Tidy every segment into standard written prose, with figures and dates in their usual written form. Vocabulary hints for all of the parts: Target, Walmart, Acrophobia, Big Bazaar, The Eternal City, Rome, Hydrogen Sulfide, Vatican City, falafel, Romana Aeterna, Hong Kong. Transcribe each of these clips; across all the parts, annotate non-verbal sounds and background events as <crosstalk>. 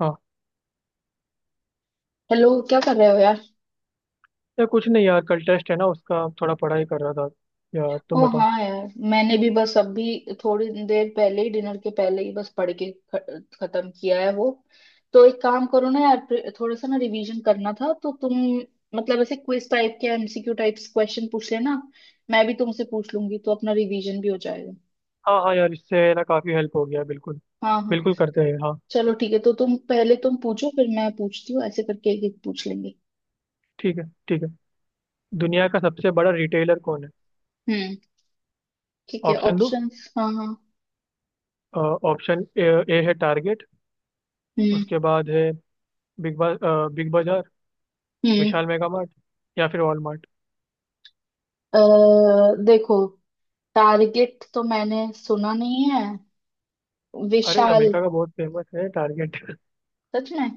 हाँ। हेलो, क्या कर रहे हो यार। यार कुछ नहीं, यार कल टेस्ट है ना, उसका थोड़ा पढ़ाई कर रहा था। यार ओ तुम बताओ। हाँ यार, मैंने भी बस अभी थोड़ी देर पहले ही, डिनर के पहले ही बस पढ़ के खत्म किया है वो। तो एक काम करो ना यार, थोड़ा सा ना रिवीजन करना था तो तुम मतलब ऐसे क्विज टाइप के एमसीक्यू टाइप्स क्वेश्चन पूछ लेना। मैं भी तुमसे पूछ लूंगी तो अपना रिवीजन भी हो जाएगा। हाँ हाँ यार, इससे ना काफ़ी हेल्प हो गया, बिल्कुल। हाँ हाँ। बिल्कुल करते हैं, हाँ। चलो ठीक है, तो तुम पहले तुम पूछो, फिर मैं पूछती हूँ, ऐसे करके एक एक पूछ लेंगे। ठीक है, ठीक है। दुनिया का सबसे बड़ा रिटेलर कौन है? हम्म। ठीक है, ऑप्शन दो। ऑप्शंस? हाँ हाँ। ऑप्शन ए, ए है टारगेट। हम्म, उसके बाद है बिग बाजार, हम्म। विशाल मेगा मार्ट, या फिर वॉलमार्ट। अ, देखो, टारगेट तो मैंने सुना नहीं है। अरे विशाल। अमेरिका का बहुत फेमस है टारगेट <laughs> सच में?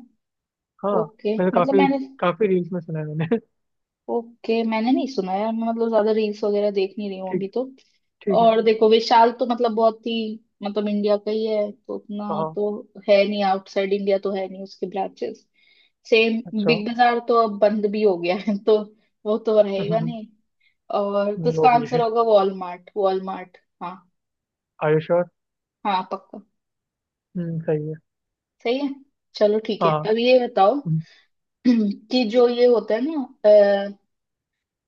हाँ ओके, मैंने मतलब काफ़ी मैंने। काफ़ी रील्स में सुना है मैंने <laughs> ओके, मैंने नहीं सुना यार, मैं मतलब ज्यादा रील्स वगैरह देख नहीं रही हूँ ठीक, अभी तो। ठीक है। और देखो विशाल तो मतलब बहुत ही, मतलब इंडिया का ही है तो उतना हाँ तो है नहीं, आउटसाइड इंडिया तो है नहीं उसके ब्रांचेस। सेम अच्छा। बिग बाजार तो अब बंद भी हो गया है <laughs> तो वो तो <laughs> रहेगा हम्म, नहीं। और तो वो इसका भी है, आंसर होगा वॉलमार्ट, वॉलमार्ट, हाँ। आयुष और हाँ, पक्का। सही है। सही है। चलो ठीक है, हाँ। अब ये बताओ। हम्म। <clears throat> कि जो ये होता है ना,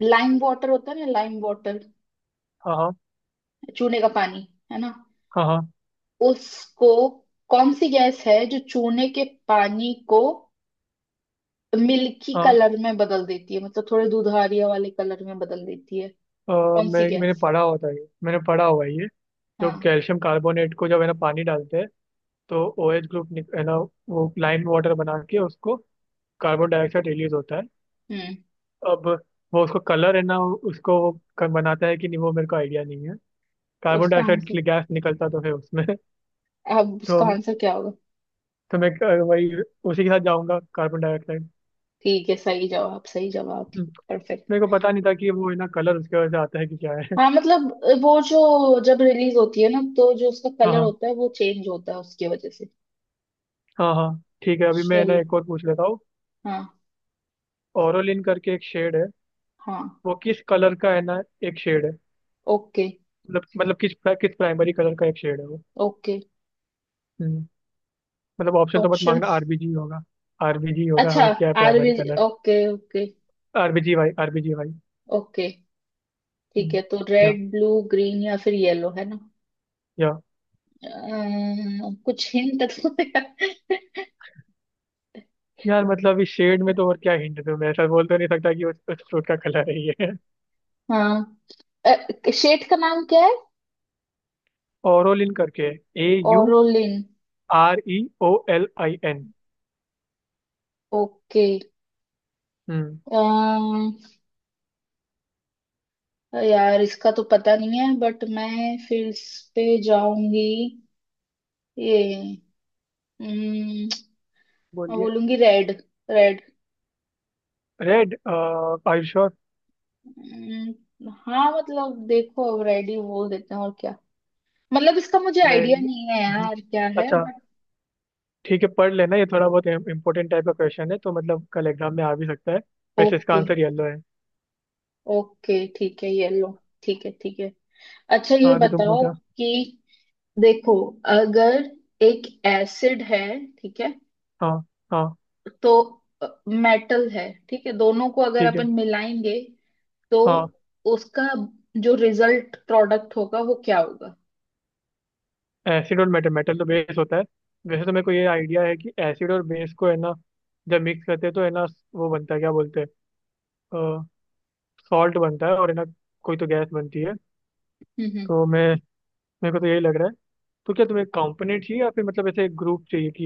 लाइम वाटर होता है ना, लाइम वाटर, हाँ हाँ चूने का पानी, है ना? हाँ हाँ। उसको, कौन सी गैस है जो चूने के पानी को मिल्की हाँ कलर में बदल देती है, मतलब थोड़े दुधारिया वाले कलर में बदल देती है? हाँ, कौन सी मैंने गैस? पढ़ा होता है ये। मैंने पढ़ा हुआ है ये। जो हाँ। कैल्शियम कार्बोनेट को जब है ना पानी डालते हैं, तो ओ एच ग्रुप है ना, वो लाइम वाटर बना के उसको कार्बन डाइऑक्साइड रिलीज होता है। हम्म। अब वो उसको कलर है ना, उसको वो बनाता है कि नहीं, वो मेरे को आइडिया नहीं है। तो कार्बन उसका डाइऑक्साइड आंसर। की गैस निकलता तो है उसमें <laughs> अब तो उसका आंसर क्या होगा? वही उसी के साथ जाऊंगा, कार्बन डाइऑक्साइड। ठीक है, सही जवाब, सही जवाब। हम्म, परफेक्ट। मेरे को पता नहीं था कि वो है ना कलर उसके वजह से आता है कि क्या है। हाँ मतलब, वो जो, जब रिलीज होती है ना तो जो उसका <laughs> हाँ कलर हाँ। होता है वो चेंज होता है उसकी वजह से। हाँ हाँ ठीक है, अभी मैं ना चलो। एक और पूछ लेता हूँ। हाँ ओरोलिन करके एक शेड है, हाँ। वो किस कलर का है ना, एक शेड है। ओके मतलब किस किस प्राइमरी कलर का एक शेड है वो। ओके। हम्म, मतलब ऑप्शन तो मत मांगना, ऑप्शंस? आरबीजी होगा। आरबीजी होगा, अच्छा, और क्या है primary RB, colour? Okay okay. RBG Y, RBG Y. Okay ठीक हम्म, है, तो या रेड, ब्लू, ग्रीन या फिर येलो, है ना? या कुछ हिंट दो यार। यार मतलब इस शेड में तो और क्या हिंट दूं मैं? ऐसा बोल तो नहीं सकता कि उस फ्रूट का कलर है ये। हाँ। शेड का नाम क्या है? ओरोलिन करके A U aureolin. R E O L I N. Okay. हम्म। अम, यार इसका तो पता नहीं है, बट मैं फिर इस पे जाऊंगी। ये, अम, मैं बोलिए। बोलूंगी रेड। रेड। रेड, आयुष। हाँ मतलब देखो, अब रेडी बोल देते हैं और क्या, मतलब इसका मुझे नहीं। आइडिया नहीं है हम्म, यार, क्या है अच्छा, बट। ठीक है पढ़ लेना, ये थोड़ा बहुत इंपॉर्टेंट टाइप का क्वेश्चन है, तो मतलब कल एग्जाम में आ भी सकता है। वैसे इसका ओके, आंसर येलो है। ओके ठीक है, ये लो। ठीक है, ठीक है। अच्छा ये हाँ, अभी तुम बताओ पूछा। कि, देखो, अगर एक एसिड है, ठीक है। हाँ हाँ। तो मेटल है, ठीक है, दोनों को अगर ठीक है। अपन मिलाएंगे तो हाँ। उसका जो रिजल्ट प्रोडक्ट होगा, वो क्या होगा? एसिड और मेटल, तो बेस होता है। वैसे तो मेरे को ये आइडिया है कि एसिड और बेस को है ना जब मिक्स करते हैं तो है ना वो बनता है क्या बोलते हैं, सॉल्ट बनता है और है ना कोई तो गैस बनती है। हम्म, तो मैं, मेरे को तो यही लग रहा है। तो क्या तुम्हें कंपोनेंट चाहिए या फिर मतलब ऐसे ग्रुप चाहिए कि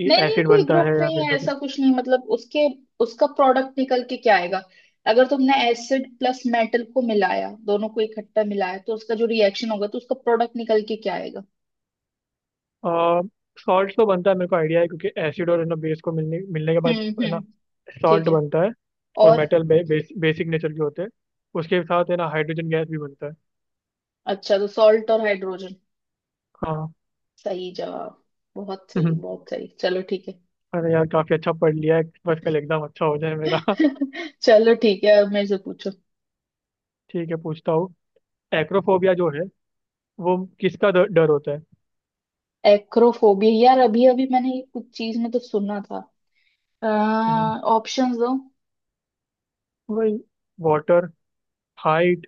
ये नहीं नहीं, एसिड कोई बनता ग्रुप है या नहीं फिर है, ऐसा कुछ नहीं, मतलब उसके उसका प्रोडक्ट निकल के क्या आएगा? अगर तुमने एसिड प्लस मेटल को मिलाया, दोनों को इकट्ठा मिलाया, तो उसका जो रिएक्शन होगा, तो उसका प्रोडक्ट निकल के क्या आएगा? सॉल्ट तो बनता है, मेरे को आइडिया है, क्योंकि एसिड और है ना बेस को मिलने मिलने के बाद हम्म, है ना हम्म। ठीक सॉल्ट है। बनता है। और और, मेटल बेसिक नेचर के होते हैं। उसके साथ है ना हाइड्रोजन गैस भी बनता है। अच्छा, तो सॉल्ट और हाइड्रोजन। हाँ। सही जवाब। बहुत सही, हम्म, बहुत सही, चलो ठीक है। अरे यार काफी अच्छा पढ़ लिया है, बस कल एग्जाम अच्छा हो जाए मेरा <laughs> <laughs> चलो ठीक है, अब मेरे से पूछो। ठीक है, पूछता हूँ। एक्रोफोबिया जो है, वो किसका डर होता है? एक्रोफोबिया, यार अभी अभी मैंने ये कुछ चीज में तो सुना था। हम्म, ऑप्शंस दो। वही, वाटर, हाइट,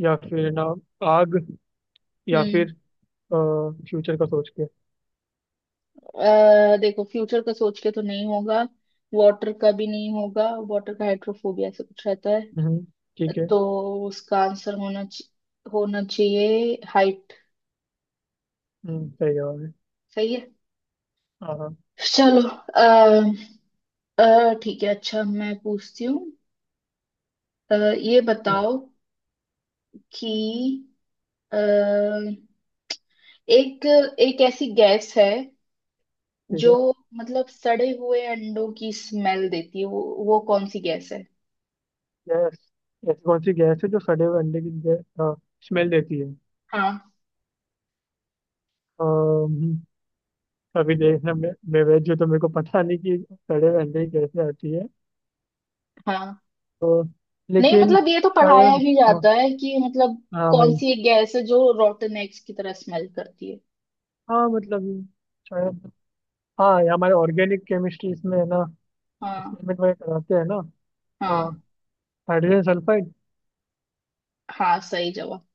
या फिर ना आग, या फिर फ्यूचर का सोच के। देखो, फ्यूचर का सोच के तो नहीं होगा। वाटर का भी नहीं होगा। वाटर का हाइड्रोफोबिया ऐसा कुछ रहता है। हम्म। ठीक है। तो उसका आंसर होना चाहिए हाइट। सही जवाब है। सही है। हाँ हाँ। चलो, ठीक है, अच्छा मैं पूछती हूँ। ये हम्म, बताओ कि, अ, एक एक ऐसी गैस है ठीक जो है। मतलब सड़े हुए अंडों की स्मेल देती है, वो कौन सी गैस है? गैस, ऐसी कौन सी गैस है जो सड़े हुए अंडे की स्मेल देती है? हाँ अम्म, अभी देखना, मैं वेज हूँ तो मेरे को पता नहीं कि सड़े हुए अंडे की कैसे आती है। हाँ। तो, नहीं लेकिन मतलब, ये तो पढ़ाया शायद। भी हाँ। जाता है कि, मतलब हाँ कौन भाई। सी एक गैस है जो रोटन एग्स की तरह स्मेल करती है? हाँ मतलब ये, शायद। हाँ, ये हमारे ऑर्गेनिक केमिस्ट्री इसमें है ना हाँ एक्सपेरिमेंट वगैरह कराते हैं ना। हाँ हाँ। Hydrogen sulphide. हाँ। सही जवाब।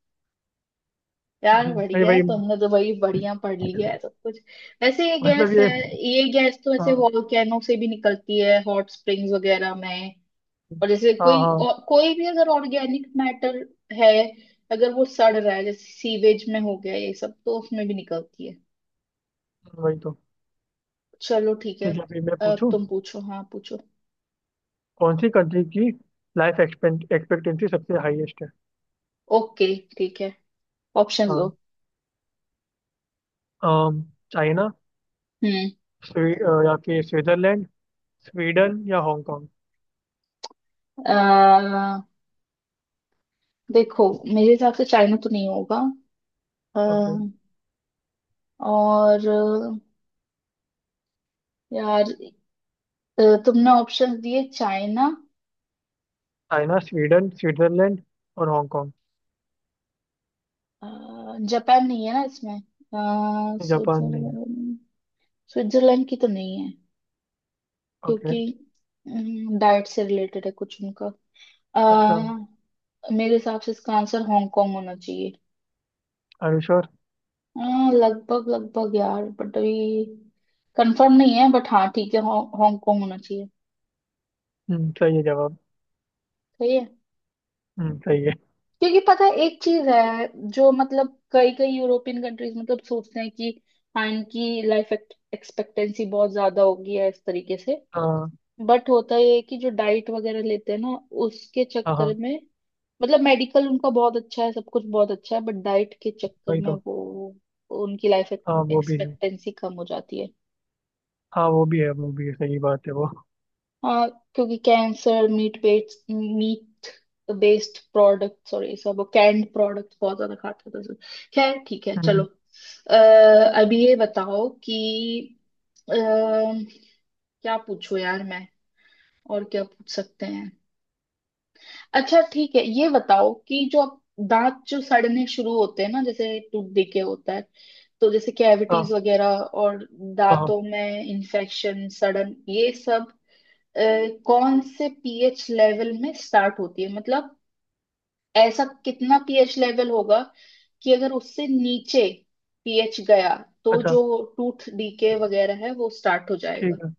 यार भाई बढ़िया है, भाई, तुमने तो भाई बढ़िया पढ़ लिया है सब कुछ। वैसे ये मतलब गैस है, ये। ये गैस तो ऐसे हाँ वॉल्केनो से भी निकलती है, हॉट स्प्रिंग्स वगैरह में। और जैसे हाँ हाँ। कोई भी अगर ऑर्गेनिक मैटर है, अगर वो सड़ रहा है, जैसे सीवेज में हो गया ये सब, तो उसमें भी निकलती है। वही तो। चलो ठीक है। ठीक है, अभी मैं अब पूछूं। तुम पूछो, हाँ पूछो। कौन सी कंट्री की लाइफ एक्सपेक्टेंसी सबसे हाईएस्ट है? ओके ठीक है। ऑप्शंस दो। हाँ। अम, चाइना, हम्म। या फिर स्विट्जरलैंड, स्वीडन, या हांगकांग। अह, देखो, मेरे हिसाब से चाइना तो नहीं होगा। ओके, अह, और यार, तुमने ऑप्शंस दिए चाइना, चाइना, स्वीडन, स्विट्जरलैंड और हांगकांग। जापान नहीं है ना इसमें? जापान नहीं है। स्विट्जरलैंड, स्विट्जरलैंड की तो नहीं है, ओके। क्योंकि डाइट से रिलेटेड है कुछ उनका। अच्छा। अह, मेरे हिसाब से इसका आंसर हांगकांग होना चाहिए। Are you sure? लगभग लगभग यार, बट अभी कंफर्म नहीं है, बट हाँ ठीक है, हांगकांग होना चाहिए। हम्म, सही है जवाब। सही है। हम्म, सही है। क्योंकि पता है, एक चीज है जो, मतलब कई कई यूरोपियन कंट्रीज मतलब सोचते हैं कि हाँ, इनकी लाइफ एक्सपेक्टेंसी बहुत ज्यादा होगी या इस तरीके से। हाँ बट होता ये है कि जो डाइट वगैरह लेते हैं ना, उसके हाँ। चक्कर हाँ, में, मतलब मेडिकल उनका बहुत अच्छा है, सब कुछ बहुत अच्छा है, बट डाइट के चक्कर वही में तो। वो, उनकी लाइफ हाँ वो भी है। एक्सपेक्टेंसी कम हो जाती है। हाँ वो भी है, वो भी है, सही बात है वो। हाँ, क्योंकि cancer, meat based product, sorry सब कैंड प्रोडक्ट बहुत ज्यादा खाते थे सब। खैर ठीक है, चलो। हम्म। अः अभी ये बताओ कि, क्या पूछूं यार मैं, और क्या पूछ सकते हैं? अच्छा ठीक है, ये बताओ कि जो दांत जो सड़ने शुरू होते हैं ना, जैसे टूटने के होता है, तो जैसे कैविटीज हाँ वगैरह, और हाँ हाँ, दांतों में इन्फेक्शन, सड़न ये सब, अ, कौन से पीएच लेवल में स्टार्ट होती है, मतलब ऐसा कितना पीएच लेवल होगा कि अगर उससे नीचे पीएच गया, तो अच्छा, जो टूथ डीके वगैरह है वो स्टार्ट हो जाएगा? ठीक है।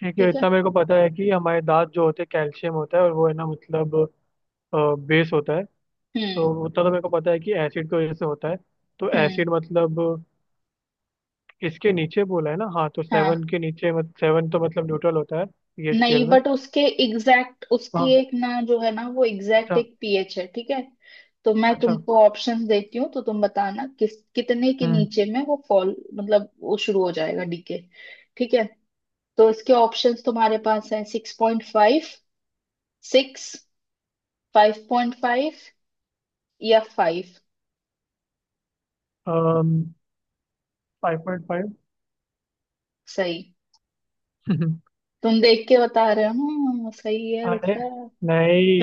ठीक है, ठीक है। इतना मेरे को पता है कि हमारे दांत जो होते हैं, कैल्शियम होता है, और वो है ना मतलब बेस होता है। तो हम्म, उतना तो मेरे को पता है कि एसिड की वजह से होता है। तो हम्म। एसिड मतलब, इसके नीचे बोला है ना, हाँ, तो हाँ। 7 के नीचे, मत 7 तो मतलब न्यूट्रल होता है पीएच स्केल नहीं में। बट उसके एग्जैक्ट उसकी हाँ। एक ना जो है ना, वो एग्जैक्ट अच्छा। एक पीएच है, ठीक है। तो मैं अच्छा। तुमको ऑप्शन देती हूँ, तो तुम बताना किस कितने के हम्म। नीचे में वो फॉल, मतलब वो शुरू हो जाएगा डीके। ठीक है। तो इसके ऑप्शंस तुम्हारे पास हैं: six point five, six, five point five या फाइव। 5.5। सही। <laughs> तुम देख के बता रहे हो, हम्म, सही है अरे बेटा,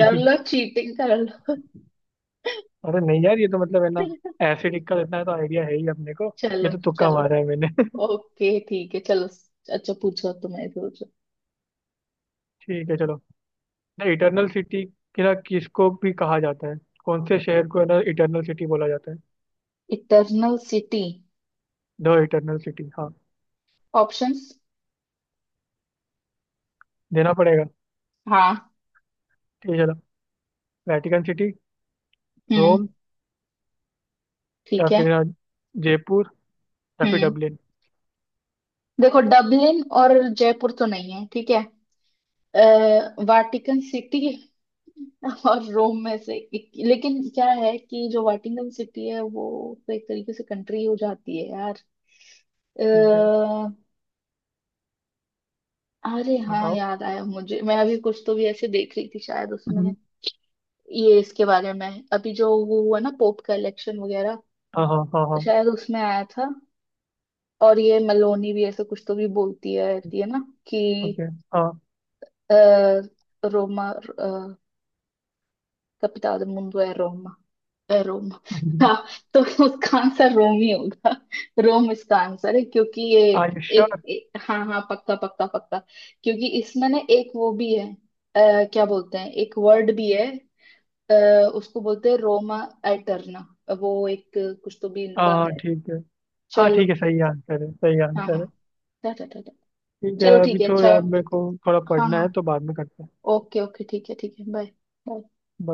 कर लो चीटिंग कर लो। अरे नहीं यार, ये तो मतलब है ना <laughs> एसिडिक का इतना तो आइडिया है ही अपने को। ये चलो, तो तुक्का चलो। मारा है मैंने <laughs> ओके ठीक है, चलो। अच्छा पूछो, तुम्हें पूछो। ठीक है, चलो। द इटरनल सिटी ना, किसको भी कहा जाता है? कौन से शहर को है ना इटरनल सिटी बोला जाता है? Eternal city. The eternal city, हाँ। ऑप्शंस? देना पड़ेगा। हाँ, ठीक है, चलो। वेटिकन सिटी, हम्म। रोम, या ठीक है, फिर अ, जयपुर, या फिर हम्म। डबलिन। देखो, डबलिन और जयपुर तो नहीं है, ठीक है। वाटिकन सिटी <laughs> और रोम में से एक, लेकिन क्या है कि जो वाटिकन सिटी है, वो तो एक तरीके से कंट्री हो जाती है यार। अ, ठीक है। अरे हाँ, बताओ। याद आया मुझे, मैं अभी कुछ तो भी ऐसे देख रही थी, शायद उसमें हम्म, ये इसके बारे में, अभी जो वो हुआ ना, पोप का इलेक्शन वगैरह, हाँ हाँ हाँ हाँ। शायद उसमें आया था। और ये मेलोनी भी ऐसे कुछ तो भी बोलती है रहती है ना कि, ओके। हाँ। आ, रोमा capital del mundo es Roma. है रोम। हम्म। हाँ। तो उसका आंसर रोम ही होगा। रोम इसका आंसर है, क्योंकि ये आर यू श्योर? एक, हाँ हाँ, पक्का पक्का पक्का। क्योंकि इसमें ना एक वो भी है, क्या बोलते हैं, एक वर्ड भी है, उसको बोलते हैं रोमा एटर्ना, वो एक कुछ तो भी इनका हाँ है। ठीक है। हाँ चलो ठीक है, ठीक। सही आंसर है, सही हाँ हाँ। आंसर है। टा टा टा टा। ठीक है, चलो अभी ठीक है, तो अच्छा। यार मेरे को थोड़ा हाँ पढ़ना हाँ। है तो बाद में करते हैं। ओके ओके <laughs> ठीक है, ठीक है, बाय।